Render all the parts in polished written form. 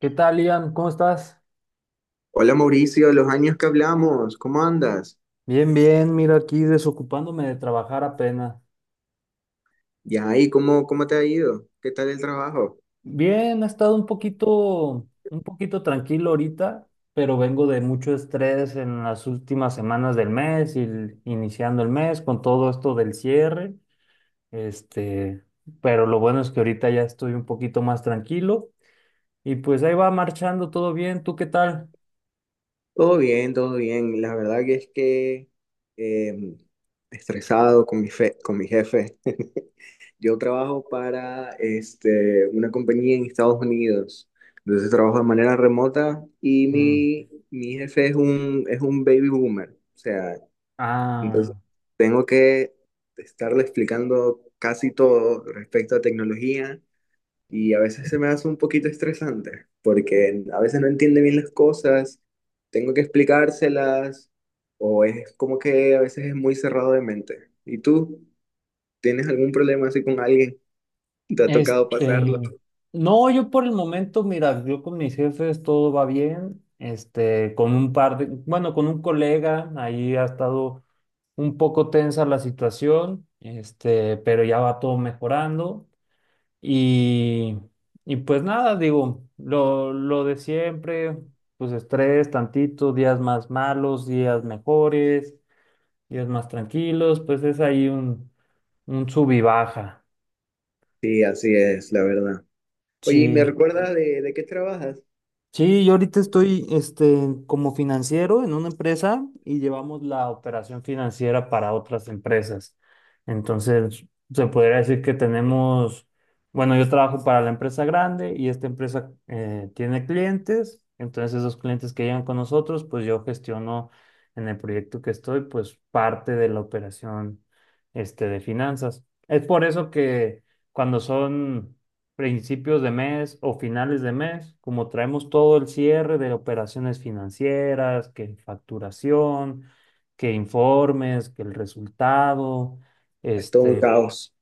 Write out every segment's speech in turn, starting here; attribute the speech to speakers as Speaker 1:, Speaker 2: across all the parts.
Speaker 1: ¿Qué tal, Ian? ¿Cómo estás?
Speaker 2: Hola Mauricio, los años que hablamos, ¿cómo andas?
Speaker 1: Bien, bien, mira aquí desocupándome de trabajar apenas.
Speaker 2: Ya, ¿y cómo te ha ido? ¿Qué tal el trabajo?
Speaker 1: Bien, ha estado un poquito tranquilo ahorita, pero vengo de mucho estrés en las últimas semanas del mes y iniciando el mes con todo esto del cierre. Este, pero lo bueno es que ahorita ya estoy un poquito más tranquilo y pues ahí va marchando todo bien. ¿Tú qué tal?
Speaker 2: Todo bien, todo bien. La verdad que es que eh, estresado con con mi jefe. Yo trabajo para una compañía en Estados Unidos. Entonces trabajo de manera remota y
Speaker 1: Mm.
Speaker 2: mi jefe es un baby boomer. O sea, entonces
Speaker 1: Ah.
Speaker 2: tengo que estarle explicando casi todo respecto a tecnología y a veces se me hace un poquito estresante porque a veces no entiende bien las cosas, tengo que explicárselas o es como que a veces es muy cerrado de mente. ¿Y tú tienes algún problema así con alguien? ¿Te ha tocado pasarlo?
Speaker 1: Este, no, yo por el momento, mira, yo con mis jefes todo va bien. Este, con un par de, bueno, con un colega, ahí ha estado un poco tensa la situación, este, pero ya va todo mejorando. Y, y pues nada, digo, lo de siempre, pues estrés, tantito, días más malos, días mejores, días más tranquilos, pues es ahí un sub y baja.
Speaker 2: Sí, así es, la verdad. Oye, ¿y me
Speaker 1: Sí.
Speaker 2: recuerdas de qué trabajas?
Speaker 1: Sí, yo ahorita estoy este, como financiero en una empresa y llevamos la operación financiera para otras empresas. Entonces, se podría decir que tenemos, bueno, yo trabajo para la empresa grande y esta empresa tiene clientes. Entonces, esos clientes que llegan con nosotros, pues yo gestiono en el proyecto que estoy, pues parte de la operación este, de finanzas. Es por eso que cuando son principios de mes o finales de mes, como traemos todo el cierre de operaciones financieras, que facturación, que informes, que el resultado,
Speaker 2: Es todo un
Speaker 1: este,
Speaker 2: caos,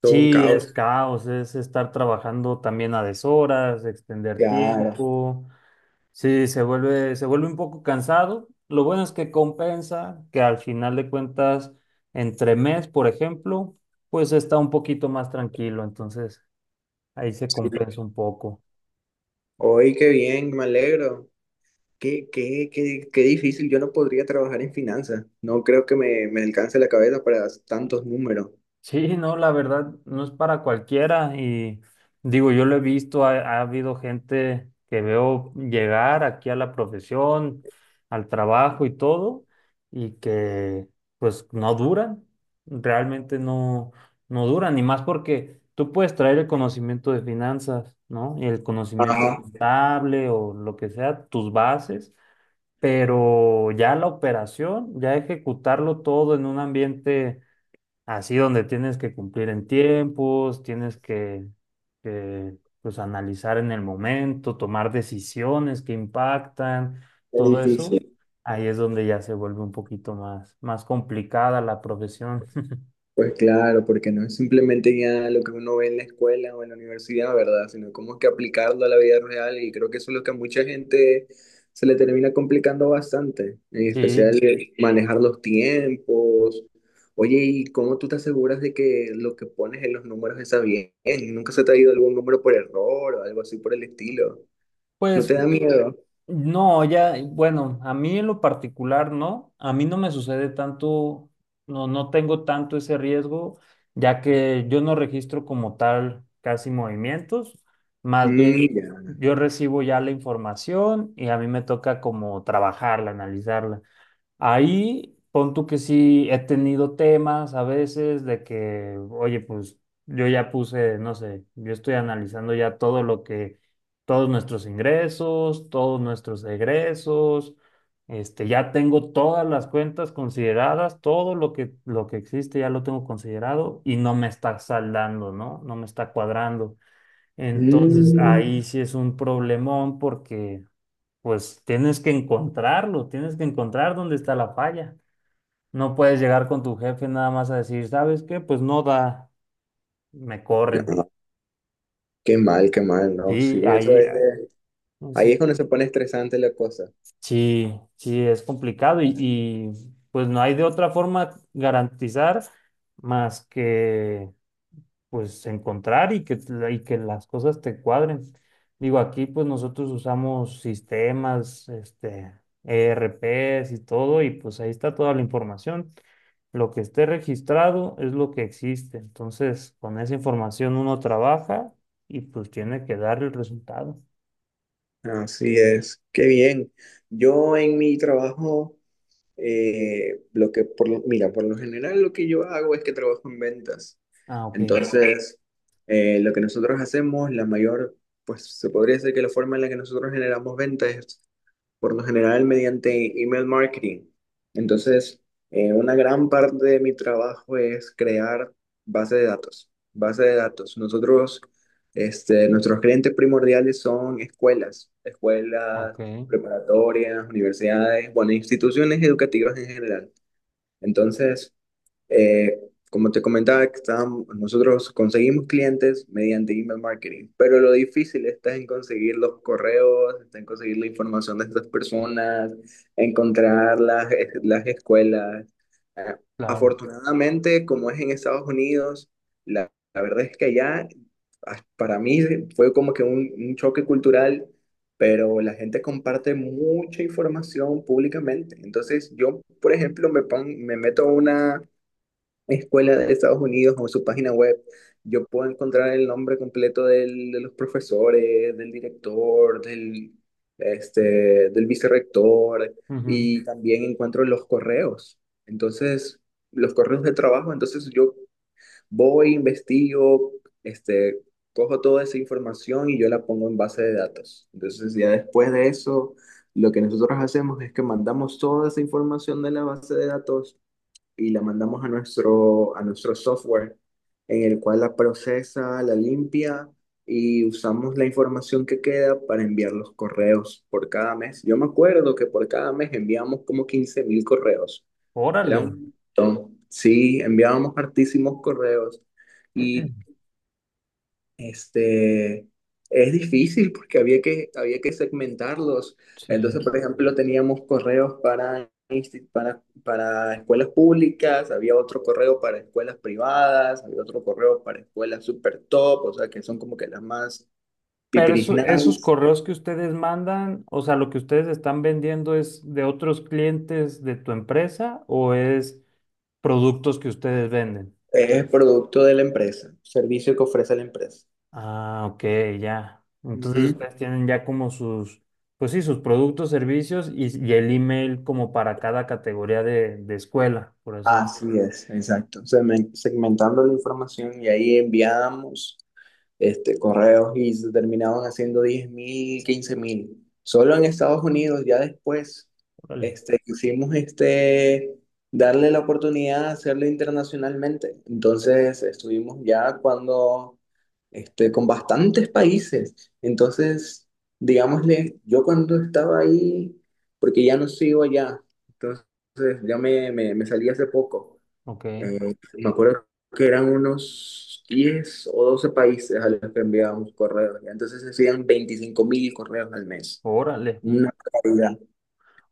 Speaker 2: todo un
Speaker 1: sí, es
Speaker 2: caos.
Speaker 1: caos, es estar trabajando también a deshoras, extender
Speaker 2: Claro.
Speaker 1: tiempo, sí, se vuelve un poco cansado. Lo bueno es que compensa, que al final de cuentas, entre mes, por ejemplo, pues está un poquito más tranquilo, entonces ahí se
Speaker 2: Sí.
Speaker 1: compensa un poco.
Speaker 2: Hoy qué bien, me alegro. Qué difícil, yo no podría trabajar en finanzas, no creo que me alcance la cabeza para tantos números.
Speaker 1: Sí, no, la verdad no es para cualquiera y digo, yo lo he visto, ha habido gente que veo llegar aquí a la profesión, al trabajo y todo, y que pues no duran, realmente no, no duran, y más porque tú puedes traer el conocimiento de finanzas, ¿no? Y el conocimiento
Speaker 2: Ajá,
Speaker 1: contable o lo que sea, tus bases, pero ya la operación, ya ejecutarlo todo en un ambiente así donde tienes que cumplir en tiempos, pues analizar en el momento, tomar decisiones que impactan
Speaker 2: es
Speaker 1: todo. Ujú. Eso,
Speaker 2: difícil.
Speaker 1: ahí es donde ya se vuelve un poquito más, más complicada la profesión.
Speaker 2: Pues claro, porque no es simplemente ya lo que uno ve en la escuela o en la universidad, ¿verdad? Sino cómo es que aplicarlo a la vida real y creo que eso es lo que a mucha gente se le termina complicando bastante, en
Speaker 1: Sí,
Speaker 2: especial, sí, manejar los tiempos. Oye, ¿y cómo tú te aseguras de que lo que pones en los números está bien? ¿Nunca se te ha ido algún número por error o algo así por el estilo? ¿No
Speaker 1: pues
Speaker 2: te da miedo?
Speaker 1: no, ya, bueno, a mí en lo particular no, a mí no me sucede tanto, no, no tengo tanto ese riesgo, ya que yo no registro como tal casi movimientos, más bien
Speaker 2: Mira.
Speaker 1: yo recibo ya la información y a mí me toca como trabajarla, analizarla. Ahí pon tú que sí he tenido temas a veces de que, oye, pues yo ya puse, no sé, yo estoy analizando ya todos nuestros ingresos, todos nuestros egresos, este, ya tengo todas las cuentas consideradas, lo que existe ya lo tengo considerado y no me está saldando, ¿no? No me está cuadrando. Entonces ahí
Speaker 2: Mm.
Speaker 1: sí es un problemón porque pues tienes que encontrarlo, tienes que encontrar dónde está la falla. No puedes llegar con tu jefe nada más a decir, ¿sabes qué? Pues no da, me corren.
Speaker 2: No, qué mal, no. Sí,
Speaker 1: Sí,
Speaker 2: eso
Speaker 1: ahí,
Speaker 2: es.
Speaker 1: ah,
Speaker 2: Ahí
Speaker 1: eso-
Speaker 2: es cuando se pone estresante la cosa.
Speaker 1: sí, sí, es complicado pues no hay de otra forma garantizar más que pues encontrar y que las cosas te cuadren. Digo, aquí pues nosotros usamos sistemas, este, ERPs y todo, y pues ahí está toda la información. Lo que esté registrado es lo que existe. Entonces, con esa información uno trabaja y pues tiene que dar el resultado.
Speaker 2: Así es, qué bien. Yo en mi trabajo, lo que mira, por lo general lo que yo hago es que trabajo en ventas.
Speaker 1: Ah, ok.
Speaker 2: Entonces, lo que nosotros hacemos, pues se podría decir que la forma en la que nosotros generamos ventas por lo general mediante email marketing. Entonces, una gran parte de mi trabajo es crear base de datos. Base de datos. Nosotros, nuestros clientes primordiales son escuelas, escuelas
Speaker 1: Ok,
Speaker 2: preparatorias, universidades, bueno, instituciones educativas en general. Entonces, eh, como te comentaba, que nosotros conseguimos clientes mediante email marketing, pero lo difícil está en conseguir los correos, está en conseguir la información de estas personas, encontrar las escuelas. Eh,
Speaker 1: claro.
Speaker 2: afortunadamente, como es en Estados Unidos, la verdad es que allá, para mí fue como que un choque cultural, pero la gente comparte mucha información públicamente. Entonces, yo, por ejemplo, me meto a una escuela de Estados Unidos o su página web, yo puedo encontrar el nombre completo de los profesores, del director, este, del vicerrector,
Speaker 1: Ujú.
Speaker 2: y también encuentro los correos. Entonces, los correos de trabajo, entonces yo voy, investigo, este, cojo toda esa información y yo la pongo en base de datos. Entonces, ya después de eso, lo que nosotros hacemos es que mandamos toda esa información de la base de datos y la mandamos a nuestro software, en el cual la procesa, la limpia y usamos la información que queda para enviar los correos por cada mes. Yo me acuerdo que por cada mes enviamos como 15,000 correos. Era
Speaker 1: Órale.
Speaker 2: un montón. Sí, enviábamos hartísimos correos. Y este es difícil porque había que segmentarlos.
Speaker 1: Sí.
Speaker 2: Entonces, por ejemplo, teníamos correos para escuelas públicas, había otro correo para escuelas privadas, había otro correo para escuelas super top, o sea, que son como que las más
Speaker 1: Pero esos
Speaker 2: pipirisnadas.
Speaker 1: correos que ustedes mandan, o sea, lo que ustedes están vendiendo es de otros clientes de tu empresa o es productos que ustedes venden.
Speaker 2: Es producto de la empresa, servicio que ofrece la empresa.
Speaker 1: Ah, ok, ya. Entonces ustedes tienen ya como sus, pues sí, sus productos, servicios y el email como para cada categoría de escuela, por así decirlo.
Speaker 2: Así es, exacto. Segmentando la información y ahí enviamos, correos, y se terminaban haciendo 10,000, 15,000. Solo en Estados Unidos, ya después,
Speaker 1: Órale.
Speaker 2: quisimos, darle la oportunidad de hacerlo internacionalmente. Entonces, estuvimos ya cuando, con bastantes países. Entonces, digámosle, yo cuando estaba ahí, porque ya no sigo allá, entonces ya me salí hace poco.
Speaker 1: Ok,
Speaker 2: Me acuerdo que eran unos 10 o 12 países a los que enviábamos correos. Ya. Entonces se hacían 25 mil correos al mes.
Speaker 1: órale.
Speaker 2: Una barbaridad.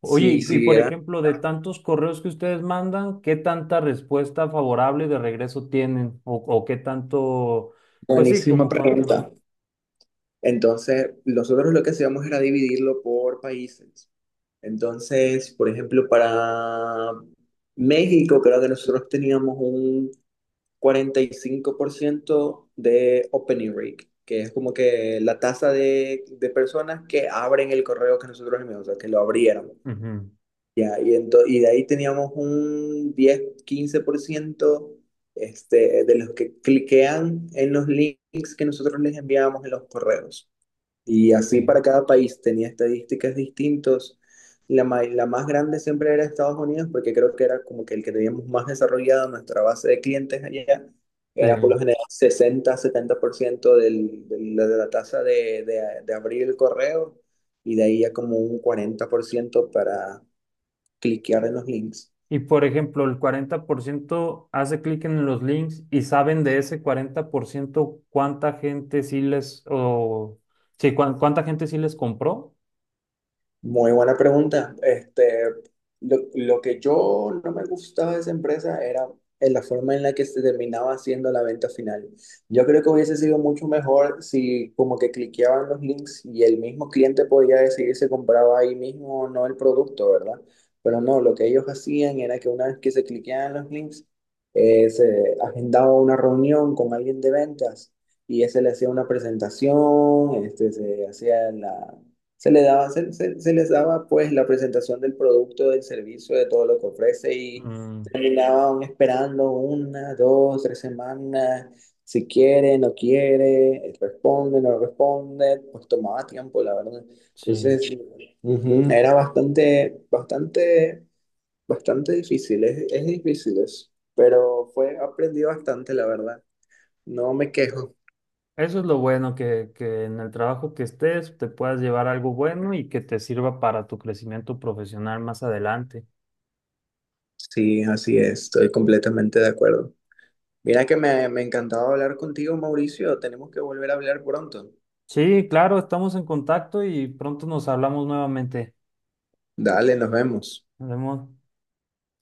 Speaker 2: Sí,
Speaker 1: Oye, y
Speaker 2: sí,
Speaker 1: por
Speaker 2: era
Speaker 1: ejemplo, de tantos correos que ustedes mandan, ¿qué tanta respuesta favorable de regreso tienen? O qué tanto, pues sí,
Speaker 2: buenísima
Speaker 1: como cuánto.
Speaker 2: pregunta. Entonces, nosotros lo que hacíamos era dividirlo por países. Entonces, por ejemplo, para México, creo que nosotros teníamos un 45% de opening rate, que es como que la tasa de personas que abren el correo que nosotros enviamos, o sea, que lo abrieron.
Speaker 1: Ujú.
Speaker 2: Ya, y de ahí teníamos un 10-15%, de los que cliquean en los links que nosotros les enviábamos en los correos. Y
Speaker 1: Ok,
Speaker 2: así para cada país tenía estadísticas distintas. La más grande siempre era Estados Unidos, porque creo que era como que el que teníamos más desarrollado nuestra base de clientes allá. Era por
Speaker 1: sí.
Speaker 2: lo general 60-70% de la tasa de abrir el correo y de ahí ya como un 40% para cliquear en los links.
Speaker 1: Y por ejemplo, el 40% hace clic en los links y saben de ese 40% cuánta gente sí les, o sí, cuánta gente sí les compró.
Speaker 2: Muy buena pregunta. Lo que yo no me gustaba de esa empresa era en la forma en la que se terminaba haciendo la venta final. Yo creo que hubiese sido mucho mejor si como que cliqueaban los links y el mismo cliente podía decidir si compraba ahí mismo o no el producto, ¿verdad? Pero no, lo que ellos hacían era que una vez que se cliqueaban los links, se agendaba una reunión con alguien de ventas y ese le hacía una presentación, se hacía la se le daba, se les daba pues la presentación del producto, del servicio, de todo lo que ofrece, y
Speaker 1: Mm,
Speaker 2: terminaban esperando una, dos, tres semanas, si quiere, no quiere, responde, no responde, pues tomaba tiempo, la verdad.
Speaker 1: sí.
Speaker 2: Entonces, era bastante, bastante, bastante difícil, es difícil eso, pero fue, aprendí bastante, la verdad. No me quejo.
Speaker 1: Eso es lo bueno, que en el trabajo que estés te puedas llevar algo bueno y que te sirva para tu crecimiento profesional más adelante.
Speaker 2: Sí, así es, estoy completamente de acuerdo. Mira que me encantaba hablar contigo, Mauricio. Tenemos que volver a hablar pronto.
Speaker 1: Sí, claro, estamos en contacto y pronto nos hablamos nuevamente.
Speaker 2: Dale, nos vemos.
Speaker 1: Nos vemos.